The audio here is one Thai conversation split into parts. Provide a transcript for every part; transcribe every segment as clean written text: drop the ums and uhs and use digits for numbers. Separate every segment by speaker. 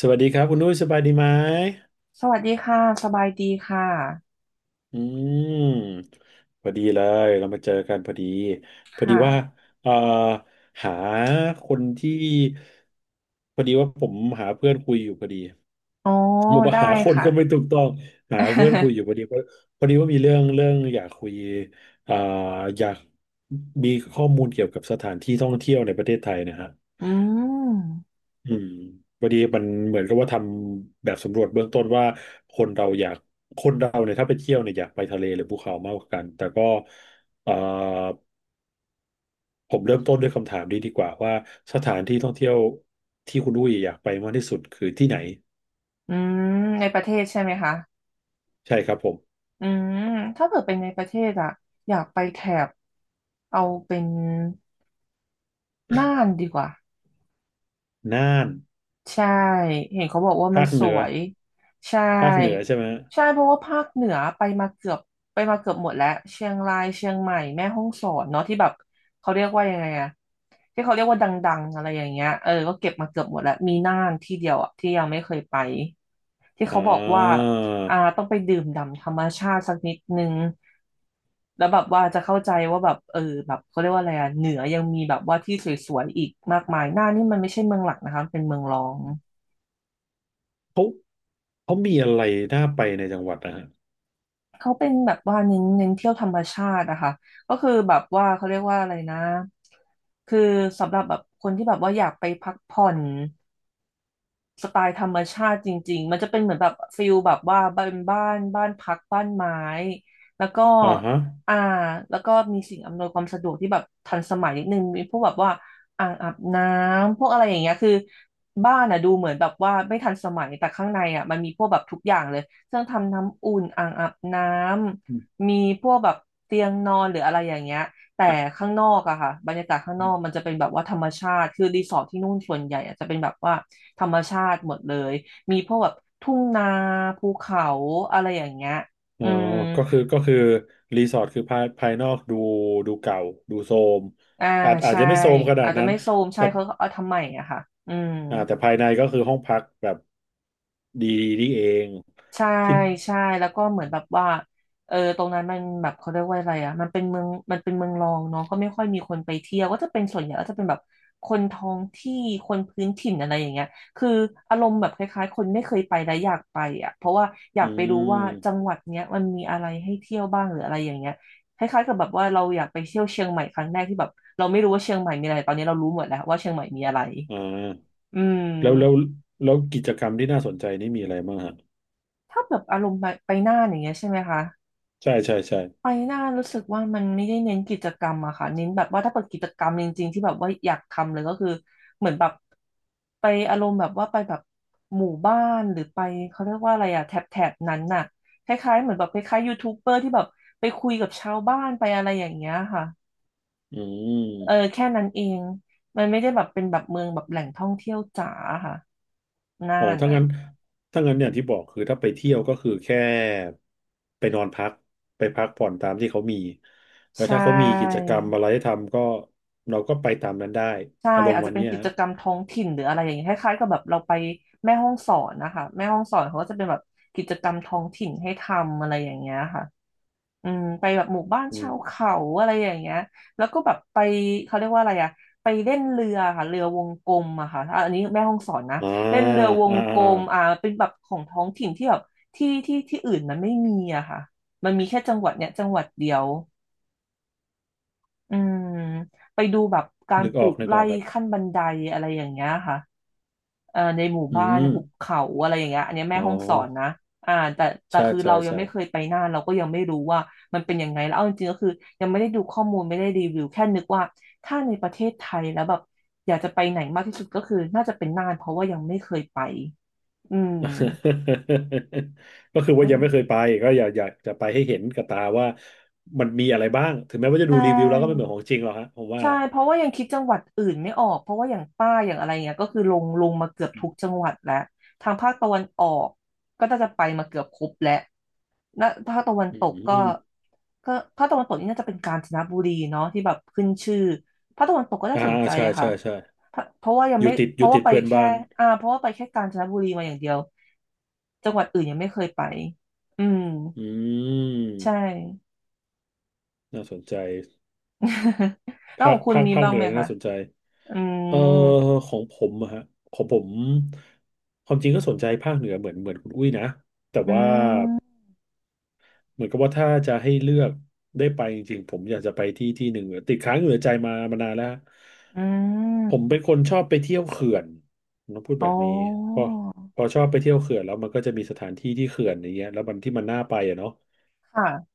Speaker 1: สวัสดีครับคุณนุ้ยสบายดีไหม
Speaker 2: สวัสดีค่ะ สบายดีค่ะ
Speaker 1: อืมพอดีเลยเรามาเจอกันพอดี
Speaker 2: ค
Speaker 1: พอดีว่า
Speaker 2: ่ะ
Speaker 1: เอ่อหาคนที่พอดีว่าผมหาเพื่อนคุยอยู่พอดี
Speaker 2: อ๋อ
Speaker 1: ผมว่า
Speaker 2: ได้
Speaker 1: หาคน
Speaker 2: ค่ะ
Speaker 1: ก็ไม่ถูกต้องหาเพื่อนคุยอยู่พ อดีเพราะพอดีว่ามีเรื่องอยากคุยเอ่ออยากมีข้อมูลเกี่ยวกับสถานที่ท่องเที่ยวในประเทศไทยนะฮะ
Speaker 2: อืม
Speaker 1: อืมวันนี้มันเหมือนกับว่าทำแบบสำรวจเบื้องต้นว่าคนเราอยากคนเราเนี่ยถ้าไปเที่ยวเนี่ยอยากไปทะเลหรือภูเขามากกว่ากัน แต่ก็เอ่อผมเริ่มต้นด้วยคำถามนี้ดีกว่าว่าสถานที่ท่องเที่ยวที่คุณอุ้ยอยากไปมากที่สุดคือที่ไหน
Speaker 2: อืมในประเทศใช่ไหมคะ
Speaker 1: ใช่ครับผม
Speaker 2: อืมถ้าเกิดเป็นในประเทศอะอยากไปแถบเอาเป็นน่านดีกว่า
Speaker 1: น่าน
Speaker 2: ใช่เห็นเขาบอกว่ามัน
Speaker 1: ภาค
Speaker 2: ส
Speaker 1: เหนือ
Speaker 2: วยใช่
Speaker 1: ภาคเหนือใช่ไหม
Speaker 2: ใช่เพราะว่าภาคเหนือไปมาเกือบหมดแล้วเชียงรายเชียงใหม่แม่ฮ่องสอนเนาะที่แบบเขาเรียกว่ายังไงอะที่เขาเรียกว่าดังๆอะไรอย่างเงี้ยก็เก็บมาเกือบหมดแล้วมีน่านที่เดียวอะที่ยังไม่เคยไปที่
Speaker 1: อ่
Speaker 2: เขาบอกว่า
Speaker 1: า
Speaker 2: อ่าต้องไปดื่มด่ำธรรมชาติสักนิดนึงแล้วแบบว่าจะเข้าใจว่าแบบแบบเขาเรียกว่าอะไรอะเหนือยังมีแบบว่าที่สวยๆอีกมากมายน่านนี่มันไม่ใช่เมืองหลักนะคะมันเป็นเมืองรอง
Speaker 1: เขาเขามีอะไรน่าไปในจังหวัดนะฮะ
Speaker 2: เขาเป็นแบบว่าเน้นเที่ยวธรรมชาติอะค่ะก็คือแบบว่าเขาเรียกว่าอะไรนะคือสำหรับแบบคนที่แบบว่าอยากไปพักผ่อน สไตล์ธรรมชาติจริงๆมันจะเป็นเหมือนแบบฟิลแบบว่าบ้านพักบ้านไม้แล้วก็
Speaker 1: อ่าฮะ
Speaker 2: อ่าแล้วก็มีสิ่งอำนวยความสะดวกที่แบบทันสมัยนิดนึงมีพวกแบบว่าอ่างอาบน้ำพวกอะไรอย่างเงี้ยคือบ้านอ่ะดูเหมือนแบบว่าไม่ทันสมัยแต่ข้างในอ่ะมันมีพวกแบบทุกอย่างเลยเครื่องทำน้ำอุ่นอ่างอาบน้ำมีพวกแบบเตียงนอนหรืออะไรอย่างเงี้ยแต่ข้างนอกอะค่ะบรรยากาศข้างนอกมันจะเป็นแบบว่าธรรมชาติคือรีสอร์ทที่นู่นส่วนใหญ่อะจะเป็นแบบว่า ธรรมชาติหมดเลย มีพวกแบบทุ่งนาภูเขาอะไรอย่างเงี้ย
Speaker 1: อ๋
Speaker 2: อื
Speaker 1: อ
Speaker 2: ม
Speaker 1: ก็คือรีสอร์ทคือภายนอกดูดูเก่าดูโทรม
Speaker 2: อ่า
Speaker 1: อาจ
Speaker 2: ใช่
Speaker 1: จะไม่โทรมขนา
Speaker 2: อา
Speaker 1: ด
Speaker 2: จจะ
Speaker 1: นั้น
Speaker 2: ไม่โซมใช่
Speaker 1: แต่
Speaker 2: เขาเอาทำใหม่อะค่ะอืม
Speaker 1: อ่าแต่ภายในก็คือห้องพักแบบดีนี่เอง
Speaker 2: ใช่
Speaker 1: ที่
Speaker 2: ใช่แล้วก็เหมือนแบบว่าตรงนั้นมันแบบเขาเรียกว่าอะไรอ่ะมันเป็นเมืองรองเนาะก็ไม่ค่อยมีคนไปเที่ยวก็จะเป็นส่วนใหญ่ก็จะเป็นแบบคนท้องที่คนพื้นถิ่นอะไรอย่างเงี้ยคืออารมณ์แบบคล้ายๆคนไม่เคยไปและอยากไปอ่ะเพราะว่าอยา
Speaker 1: อื
Speaker 2: กไปรู้ว่าจัง
Speaker 1: ม
Speaker 2: หวัดเนี้ยมันมีอะไรให้เที่ยวบ้างหรืออะไรอย่างเงี้ยคล้ายๆกับแบบว่าเราอยากไปเที่ยวเชียงใหม่ครั้งแรกที่แบบเราไม่รู้ว่าเชียงใหม่มีอะไรตอนนี้เรารู้หมดแล้วว่าเชียงใหม่มีอะไร
Speaker 1: อ่า
Speaker 2: อื
Speaker 1: แล้ว
Speaker 2: ม
Speaker 1: แล้วกิจกรรมที่น่าสนใจนี่มีอะไรบ้างฮะ
Speaker 2: ถ้าแบบอารมณ์ไปน่านอย่างเงี้ยใช่ไหมคะ
Speaker 1: ใช่ใช่
Speaker 2: ไป
Speaker 1: ใช่
Speaker 2: หน้ารู้สึกว่ามันไม่ได้เน้นกิจกรรมอะค่ะเน้นแบบว่าถ้าเปิดกิจกรรมจริงๆที่แบบว่าอยากทำเลยก็คือเหมือนแบบไปอารมณ์แบบว่าไปแบบหมู่บ้านหรือไปเขาเรียกว่าอะไรอะแถบนั้นน่ะคล้ายๆเหมือนแบบคล้ายๆยูทูบเบอร์ที่แบบไปคุยกับชาวบ้านไปอะไรอย่างเงี้ยค่ะ
Speaker 1: อืม
Speaker 2: แค่นั้นเองมันไม่ได้แบบเป็นแบบเมืองแบบแหล่งท่องเที่ยวจ๋าค่ะน่า
Speaker 1: อ๋อ
Speaker 2: น
Speaker 1: ถ้า
Speaker 2: น่ะ
Speaker 1: งั้นถ้างั้นอย่างที่บอกคือถ้าไปเที่ยวก็คือแค่ไปนอนพักไปพักผ่อนตามที่เขามีแล้ว
Speaker 2: ใช่
Speaker 1: ถ้าเขามีกิจกรรมอะไรให้ทำก็เราก็ไปตามนั้นได้
Speaker 2: ใช่
Speaker 1: อารม
Speaker 2: อา
Speaker 1: ณ์
Speaker 2: จ
Speaker 1: วั
Speaker 2: จะ
Speaker 1: น
Speaker 2: เป็น
Speaker 1: เนี้ย
Speaker 2: กิจ
Speaker 1: ฮะ
Speaker 2: กรรมท้องถิ่นหรืออะไรอย่างเงี้ยคล้ายๆกับแบบเราไปแม่ห้องสอนนะคะแม่ห้องสอนเขาก็จะเป็นแบบกิจกรรมท้องถิ่นให้ทำอะไรอย่างเงี้ยค่ะอืมไปแบบหมู่บ้าน
Speaker 1: อื
Speaker 2: ชา
Speaker 1: ม
Speaker 2: วเขาอะไรอย่างเงี้ยแล้วก็แบบไปเขาเรียกว่าอะไรอะไปเล่นเรือค่ะเรือวงกลมอะค่ะอ่ะอันนี้แม่ห้องสอนนะ
Speaker 1: อ่า
Speaker 2: เล่นเรือวง
Speaker 1: อ่า
Speaker 2: ก
Speaker 1: อ่
Speaker 2: ลมอ่า
Speaker 1: า
Speaker 2: เป็นแบบของท้องถิ่นที่แบบที่อื่นมันไม่มีอะค่ะมันมีแค่จังหวัดเนี้ยจังหวัดเดียวอืมไปดูแบบการ
Speaker 1: นึก
Speaker 2: ป
Speaker 1: อ
Speaker 2: ลู
Speaker 1: อก
Speaker 2: ก
Speaker 1: นึกอ
Speaker 2: ไร่
Speaker 1: อกครับ
Speaker 2: ขั้นบันไดอะไรอย่างเงี้ยค่ะ ในหมู่
Speaker 1: อื
Speaker 2: บ้าน
Speaker 1: ม
Speaker 2: หุบเขาอะไรอย่างเงี้ยอันเนี้ยแม่
Speaker 1: อ๋อ
Speaker 2: ฮ่องสอนนะอ่าแต่
Speaker 1: ใช่
Speaker 2: คือ
Speaker 1: ใช่
Speaker 2: เรายัง
Speaker 1: ใช่
Speaker 2: ไม่เคยไปน่านเราก็ยังไม่รู้ว่ามันเป็นยังไงแล้วเอาจริงๆก็คือยังไม่ได้ดูข้อมูลไม่ได้รีวิวแค่นึกว่าถ้าในประเทศไทยแล้วแบบอยากจะไปไหนมากที่สุดก็คือน่าจะเป็นน่านเพราะว่ายังไม่เคยไปอืม
Speaker 1: ก็คือว่ายังไม่เคย
Speaker 2: อ
Speaker 1: ไปก็อยากจะไปให้เห็นกับตาว่ามันมีอะไรบ้างถึงแม้ว่าจะ
Speaker 2: ใช
Speaker 1: ดูรีวิวแล้วก็ไม่เหมื
Speaker 2: ่
Speaker 1: อนของจริงหรอกฮะผมว่า
Speaker 2: ใช่เพราะว่ายังคิดจังหวัดอื่นไม่ออกเพราะว่าอย่างใต้อย่างอะไรเงี้ยก็คือลงมาเกือบทุกจังหวัดแล้วทางภาคตะวันออกก็น่าจะไปมาเกือบครบแล้ว นะถ้าคตะวัน
Speaker 1: อื
Speaker 2: ตกก็
Speaker 1: ม
Speaker 2: ก็ภาคตะวันตกนี่น่าจะเป็นกาญจนบุรีเนาะที่แบบขึ้นชื่อภาคตะวันตกก็น่า
Speaker 1: อ่า
Speaker 2: สนใจ
Speaker 1: ใช่
Speaker 2: อะ
Speaker 1: ใช่
Speaker 2: ค่ะ
Speaker 1: ใช่
Speaker 2: เพราะว่ายัง
Speaker 1: อ
Speaker 2: ไม่
Speaker 1: ยู่ติด
Speaker 2: เพ
Speaker 1: อยู่
Speaker 2: ราะ
Speaker 1: ติ
Speaker 2: ว่า
Speaker 1: ด
Speaker 2: ไป
Speaker 1: เพื่อน
Speaker 2: แค่
Speaker 1: บ้าน
Speaker 2: อ่าเพราะว่าไปแค่กาญจนบุรีมาอย่างเดียวจังหวัดอื่นยังไม่เคยไปอืม
Speaker 1: อื
Speaker 2: ใช่
Speaker 1: มน่าสนใจ
Speaker 2: แล้ว
Speaker 1: ภา
Speaker 2: ข
Speaker 1: ค
Speaker 2: องคุณ
Speaker 1: ภาค
Speaker 2: มี
Speaker 1: ภาค
Speaker 2: บ้าง
Speaker 1: เหนื
Speaker 2: ไห
Speaker 1: อ
Speaker 2: มคะ
Speaker 1: น่าสนใจ
Speaker 2: อื
Speaker 1: เอ่อ
Speaker 2: ม
Speaker 1: ของผมอะฮะของผมความจริงก็สนใจภาคเหนือเหมือนคุณอุ้ยนะแต่
Speaker 2: อื
Speaker 1: ว่า
Speaker 2: ม
Speaker 1: เหมือนกับว่าถ้าจะให้เลือกได้ไปจริงๆผมอยากจะไปที่ที่หนึ่งติดค้างอยู่ในใจมามานานแล้วฮะ
Speaker 2: อื
Speaker 1: ผมเป็
Speaker 2: ม
Speaker 1: นคนชอบไปเที่ยวเขื่อนผมต้องพูด
Speaker 2: อ๋
Speaker 1: แบบนี้
Speaker 2: อ
Speaker 1: พอพอชอบไปเที่ยวเขื่อนแล้วมันก็จะมีสถานที่ที่เขื่อนอย่างเงี้ยแล้วมันที่มันน่าไปอะเนาะ
Speaker 2: ค่ะ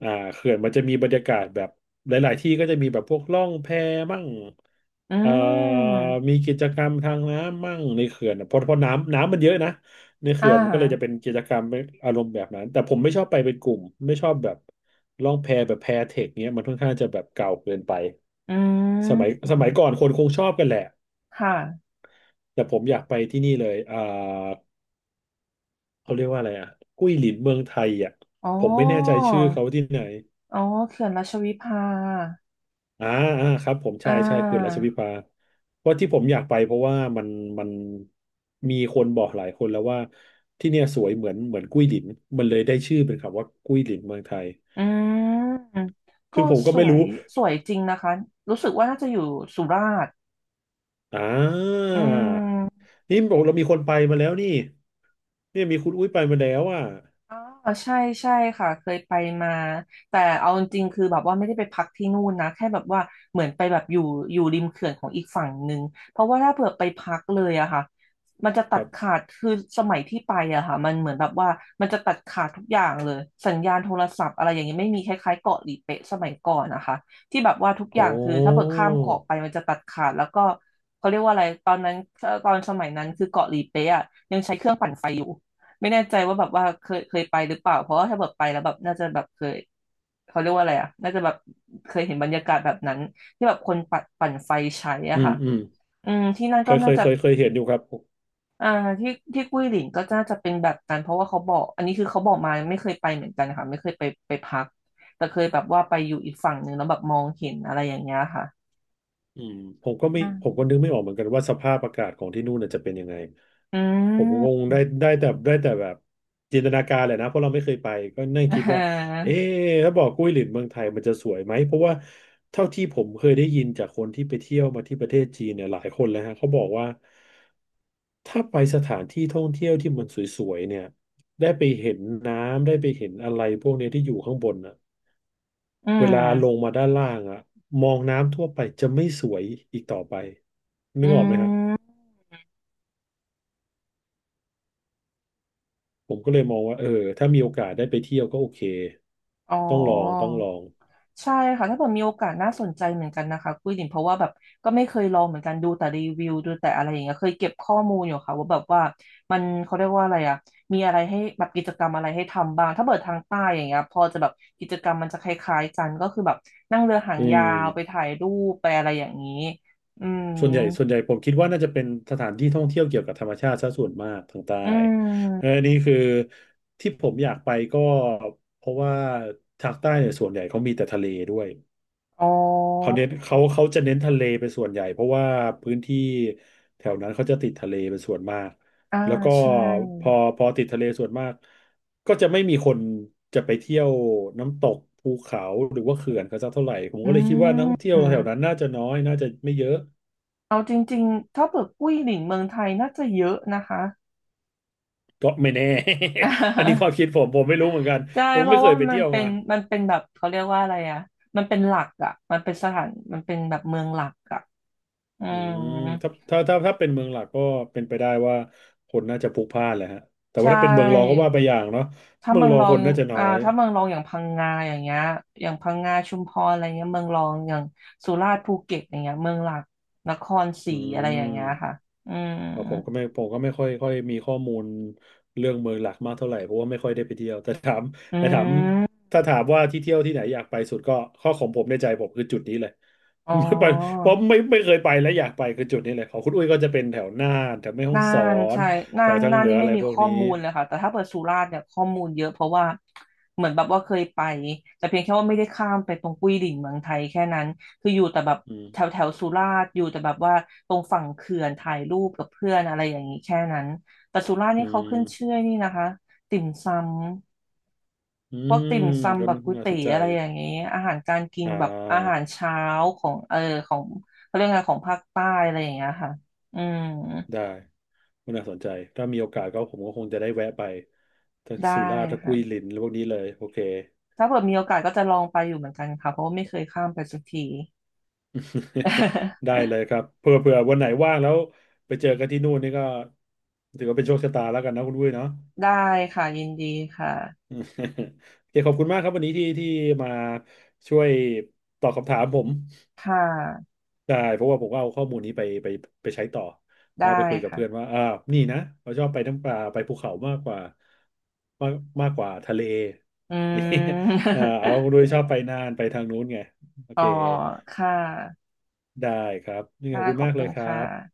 Speaker 1: อ่าเขื่อนมันจะมีบรรยากาศแบบหลายๆที่ก็จะมีแบบพวกล่องแพมั่ง
Speaker 2: อื
Speaker 1: เอ่อ
Speaker 2: ม
Speaker 1: มีกิจกรรมทางน้ำมั่งในเขื่อนอะเพราะเพราะน้ำมันเยอะนะใน
Speaker 2: อ่า
Speaker 1: เขื่อนมันก็เลยจะเป็นกิจกรรมอารมณ์แบบนั้นแต่ผมไม่ชอบไปเป็นกลุ่มไม่ชอบแบบล่องแพแบบแพเทคเนี้ยมันค่อนข้างจะแบบเก่าเกินไป
Speaker 2: อื
Speaker 1: สมัยส
Speaker 2: ม
Speaker 1: มัยก่อนคนคงชอบกันแหละ
Speaker 2: ค่ะ
Speaker 1: แต่ผมอยากไปที่นี่เลยอ่าเขาเรียกว่าอะไรอ่ะกุ้ยหลินเมืองไทยอ่ะ
Speaker 2: อ๋อ
Speaker 1: ผมไม่แน่ใจชื่อเขาที่ไหน
Speaker 2: อ๋อเขื่อนราชวิภา
Speaker 1: อ่าอ่าครับผม
Speaker 2: อ่
Speaker 1: ใช่ใช่เขื่อนราช
Speaker 2: า
Speaker 1: วิภาเพราะที่ผมอยากไปเพราะว่ามันมันมีคนบอกหลายคนแล้วว่าที่เนี่ยสวยเหมือนกุ้ยหลินมันเลยได้ชื่อเป็นคำว่ากุ้ยหลินเมืองไทย
Speaker 2: อืม ก็
Speaker 1: ซึ่งผมก็
Speaker 2: ส
Speaker 1: ไม่
Speaker 2: วย
Speaker 1: รู้
Speaker 2: สวยจริงนะคะ รู้สึกว่าน่าจะอยู่สุราษฎร์
Speaker 1: อ่า
Speaker 2: อืม
Speaker 1: นี่บอกเรามีคนไปมาแล้วนี่เนี่ยมีคุณอุ้ยไปมาแล้วอ่ะ
Speaker 2: อ๋อใช่ใช่ค่ะเคยไปมาแต่เอาจริงๆคือแบบว่าไม่ได้ไปพักที่นู่นนะแค่แบบว่าเหมือนไปแบบอยู่ริมเขื่อนของอีกฝั่งหนึ่งเพราะว่าถ้าเผื่อไปพักเลยอะค่ะมันจะ
Speaker 1: ค
Speaker 2: ตัด
Speaker 1: รับ
Speaker 2: ขาดคือสมัยที่ไปอะค่ะมันเหมือนแบบว่ามันจะตัดขาดทุกอย่างเลยสัญญาณโทรศัพท์อะไรอย่างเงี้ยไม่มีคล้ายๆเกาะหลีเป๊ะสมัยก่อนนะคะที่แบบว่าทุกอ
Speaker 1: อ๋
Speaker 2: ย่างคือถ้าเบิก
Speaker 1: อ
Speaker 2: ข้ามเกาะไปมันจะตัดขาดแล้วก็เขาเรียกว่าอะไรตอนนั้นตอนสมัยนั้นคือเกาะหลีเป๊ะอะยังใช้เครื่องปั่นไฟอยู่ ไม่แน่ใจว่าแบบว่าเคยไปหรือเปล่าเพราะว่าถ้าแบบไปแล้วแบบน่าจะแบบเคยเขาเรียกว่าอะไรอ่ะน่าจะแบบเคยเห็นบรรยากาศแบบนั้นที่แบบคนปัดปั่นไฟใช้
Speaker 1: อื
Speaker 2: อ่ะ
Speaker 1: ม
Speaker 2: ค่ะ
Speaker 1: อืม
Speaker 2: อืมที่นั่น
Speaker 1: เค
Speaker 2: ก็
Speaker 1: ยเค
Speaker 2: น่า
Speaker 1: ย
Speaker 2: จะ
Speaker 1: เคยเคยเห็นอยู่ครับ
Speaker 2: อ่าที่กุ้ยหลินก็น่าจะเป็นแบบนั้นเพราะว่าเขาบอกอันนี้คือเขาบอกมาไม่เคยไปเหมือนกันค่ะไม่เคยไปไปพักแต่เคยแบบว่าไปอยู่อีกฝั่งหนึ่งแล้วแบบมองเห็นอะไรอย่างเงี้ยค่ะ
Speaker 1: อืมผมก็ไม่
Speaker 2: อ่
Speaker 1: ผมก็นึก
Speaker 2: า
Speaker 1: ไม่ออกเหมือนกันว่าสภาพอากาศของที่นู่นน่ะจะเป็นยังไง
Speaker 2: อื
Speaker 1: ผมคง
Speaker 2: ม
Speaker 1: ได้ได้แต่แบบจินตนาการแหละนะเพราะเราไม่เคยไปก็นั่ง
Speaker 2: อ่
Speaker 1: คิดว่าเ
Speaker 2: า
Speaker 1: อ๊ะถ้าบอกกุ้ยหลินเมืองไทยมันจะสวยไหมเพราะว่าเท่าที่ผมเคยได้ยินจากคนที่ไปเที่ยวมาที่ประเทศจีนเนี่ยหลายคนแล้วฮะเขาบอกว่าถ้าไปสถานที่ท่องเที่ยวที่มันสวยๆเนี่ยได้ไปเห็นน้ำได้ไปเห็นอะไรพวกเนี้ยที่อยู่ข้างบนอ่ะ
Speaker 2: อื
Speaker 1: เวลาลง
Speaker 2: ม
Speaker 1: มาด้านล่างอ่ะมองน้ำทั่วไปจะไม่สวยอีกต่อไปนึ
Speaker 2: อื
Speaker 1: กออกไหมฮะ
Speaker 2: ม
Speaker 1: ผมก็เลยมองว่าเออถ้ามีโอกาสได้ไปเที่ยวก็โอเค
Speaker 2: อ๋อ
Speaker 1: ต้องลอง
Speaker 2: ใช่ค่ะถ้าเกิดมีโอกาสน่าสนใจเหมือนกันนะคะกุ้ยหลินเพราะว่าแบบก็ไม่เคยลองเหมือนกันดูแต่รีวิวดูแต่อะไรอย่างเงี้ยเคยเก็บข้อมูลอยู่ค่ะว่าแบบว่ามันเขาเรียกว่าอะไรอ่ะมีอะไรให้แบบกิจกรรมอะไรให้ทำบ้างถ้าเปิดทางใต้อย่างเงี้ยพอจะแบบกิจกรรมมันจะคล้ายๆกันก็คือแบบนั่งเรือหาง
Speaker 1: อื
Speaker 2: ยาวไป
Speaker 1: ม
Speaker 2: ถ่ายรูปไปอะไรอย่างนี้อืม
Speaker 1: ส่วนใหญ่ผมคิดว่าน่าจะเป็นสถานที่ท่องเที่ยวเกี่ยวกับธรรมชาติซะส่วนมากทางใต้
Speaker 2: อื
Speaker 1: เออ
Speaker 2: ม
Speaker 1: นี่คือที่ผมอยากไปก็เพราะว่าทางใต้เนี่ยส่วนใหญ่เขามีแต่ทะเลด้วย
Speaker 2: อ๋อ
Speaker 1: เขาเน้นเขาจะเน้นทะเลเป็นส่วนใหญ่เพราะว่าพื้นที่แถวนั้นเขาจะติดทะเลเป็นส่วนมาก
Speaker 2: อ่า
Speaker 1: แล้วก็
Speaker 2: ใช่
Speaker 1: พอพอติดทะเลส่วนมากก็จะไม่มีคนจะไปเที่ยวน้ำตกภูเขาหรือว่าเขื่อนกันสักเท่าไหร่ผม
Speaker 2: อื
Speaker 1: ก็เลยคิดว่านักท่องเที่ยวแถวนั้น
Speaker 2: ม
Speaker 1: น่าจะน้อยน่าจะไม่เยอะ
Speaker 2: เอาจริงๆถ้าเปิดกุ้ยหลินเมืองไทยน่าจะเยอะนะคะ
Speaker 1: ก็ไม่แน่ อันนี้ความคิดผมผมไม่รู้เหมือนกัน
Speaker 2: ใช่
Speaker 1: ผม
Speaker 2: เพ
Speaker 1: ไม่
Speaker 2: ราะ
Speaker 1: เค
Speaker 2: ว่า
Speaker 1: ยไป
Speaker 2: มั
Speaker 1: เที่
Speaker 2: น
Speaker 1: ยว
Speaker 2: เป็
Speaker 1: มา
Speaker 2: นมันเป็นแบบเขาเรียกว่าอะไรอ่ะมันเป็นหลักอ่ะมันเป็นสถานมันเป็นแบบเมืองหลักอ่ะอื
Speaker 1: อื
Speaker 2: ม
Speaker 1: มถ้าเป็นเมืองหลักก็เป็นไปได้ว่าคนน่าจะพลุกพล่านแหละฮะแต่ว่า
Speaker 2: ใช่
Speaker 1: ถ้าเป็นเมืองรองก็ว่าไปอย่างเนาะ
Speaker 2: ถ้า
Speaker 1: เมือ
Speaker 2: เมื
Speaker 1: ง
Speaker 2: อง
Speaker 1: รอ
Speaker 2: ร
Speaker 1: ง
Speaker 2: อ
Speaker 1: ค
Speaker 2: ง
Speaker 1: นน่าจะน้อ
Speaker 2: อ่า
Speaker 1: ย
Speaker 2: ถ้าเมืองรองอย่างพังงาอย่างเงี้ยอย่างพังงาชุมพรอะไรเงี้ยเมืองรองอย่างสุราษฎร์ภูเก็ตอย่างเงี้ยเมืองหลักนครศรี
Speaker 1: อื
Speaker 2: อะไรอย่างเงี้ยค่ะ
Speaker 1: ม
Speaker 2: อืม
Speaker 1: เพ่อผมก็ไม่ผมก็ไม่ค่อยค่อยมีข้อมูลเรื่องเมืองหลักมากเท่าไหร่เพราะว่าไม่ค่อยได้ไปเที่ยวแต่ถาม
Speaker 2: อื
Speaker 1: แต่ถาม
Speaker 2: ม
Speaker 1: ถ้าถามว่าที่เที่ยวที่ไหนอยากไปสุดก็ข้อของผมในใจผมคือจุดนี้เลย
Speaker 2: อ๋อ
Speaker 1: ไม่ไปเพราะไม่ไม่เคยไปและอยากไปคือจุดนี้เลยของคุณอุ้ยก็จะเป็นแถวน่านแถวแม่ฮ่อง
Speaker 2: น่า
Speaker 1: สอ
Speaker 2: น
Speaker 1: น
Speaker 2: ใช่น่า
Speaker 1: แถว
Speaker 2: น
Speaker 1: ทาง
Speaker 2: น่าน
Speaker 1: เหนื
Speaker 2: นี่
Speaker 1: ออะ
Speaker 2: ไม่
Speaker 1: ไร
Speaker 2: มี
Speaker 1: พวก
Speaker 2: ข้อ
Speaker 1: นี้
Speaker 2: มูลเลยค่ะแต่ถ้าเปิดสุราษฎร์เนี่ยข้อมูลเยอะเพราะว่าเหมือนแบบว่าเคยไปแต่เพียงแค่ว่าไม่ได้ข้ามไปตรงกุ้ยดิ่งเมืองไทยแค่นั้นคืออยู่แต่แบบ
Speaker 1: อื
Speaker 2: แถว
Speaker 1: ม
Speaker 2: แถวสุราษฎร์อยู่แต่แบบว่าตรงฝั่งเขื่อนถ่ายรูปกับเพื่อนอะไรอย่างนี้แค่นั้นแต่สุราษฎร์
Speaker 1: อื
Speaker 2: นี่เขาขึ้นชื่
Speaker 1: ม
Speaker 2: อนี่นะคะติ่มซำ
Speaker 1: อื
Speaker 2: พวก
Speaker 1: ม
Speaker 2: ติ่ม
Speaker 1: ก็
Speaker 2: ซำแบบก๋วย
Speaker 1: น่าส
Speaker 2: เตี๋
Speaker 1: น
Speaker 2: ย
Speaker 1: ใจ
Speaker 2: วอะไรอย่างนี้อาหารการกิน
Speaker 1: อ่
Speaker 2: แบบอาหา
Speaker 1: า
Speaker 2: รเช้าของของเขาเรียกไงของภาคใต้อะไรอย่างเงี้ยค่ะอืม
Speaker 1: ได้ก็น่าสนใจถ้ามีโอกาสก็ผมก็คงจะได้แวะไปทั้ง
Speaker 2: ได้
Speaker 1: สุราษฎร์ทั้งกุ
Speaker 2: ค่ะ
Speaker 1: ยลินพวกนี้เลยโอเค
Speaker 2: ถ้าเกิดมีโอกาสก็จะลองไปอยู่เหมือนกันค่ะเพราะว่าไม่เคยข้ามไปสักที
Speaker 1: ได้ เลยครับเผื่อวันไหนว่างแล้วไปเจอกันที่นู่นนี่ก็ถือว่าเป็นโชคชะตาแล้วกันนะคุณวุ้ยเนาะ
Speaker 2: ได้ค่ะยินดีค่ะ
Speaker 1: อืมโอเคขอบคุณมากครับวันนี้ที่ที่มาช่วยตอบคำถามผม
Speaker 2: ค่ะ
Speaker 1: ใช่เพราะว่าผมก็เอาข้อมูลนี้ไปใช้ต่อ
Speaker 2: ได้
Speaker 1: ว่าไปคุยกับเพื่อน
Speaker 2: ค่ะ
Speaker 1: ว่าอ่านี่นะเราชอบไปน้ำปลาไปภูเขามากกว่ามากมากกว่าทะเล
Speaker 2: อื
Speaker 1: อ่า
Speaker 2: ม
Speaker 1: เอาโดยชอบไปน่านไปทางนู้นไงโอ
Speaker 2: อ๋อ
Speaker 1: เค
Speaker 2: ค่ะ
Speaker 1: ได้ครับนี่ข
Speaker 2: ค่ะ
Speaker 1: อบคุณ
Speaker 2: ขอบ
Speaker 1: มาก
Speaker 2: คุ
Speaker 1: เล
Speaker 2: ณ
Speaker 1: ยครั
Speaker 2: ค่ะ
Speaker 1: บ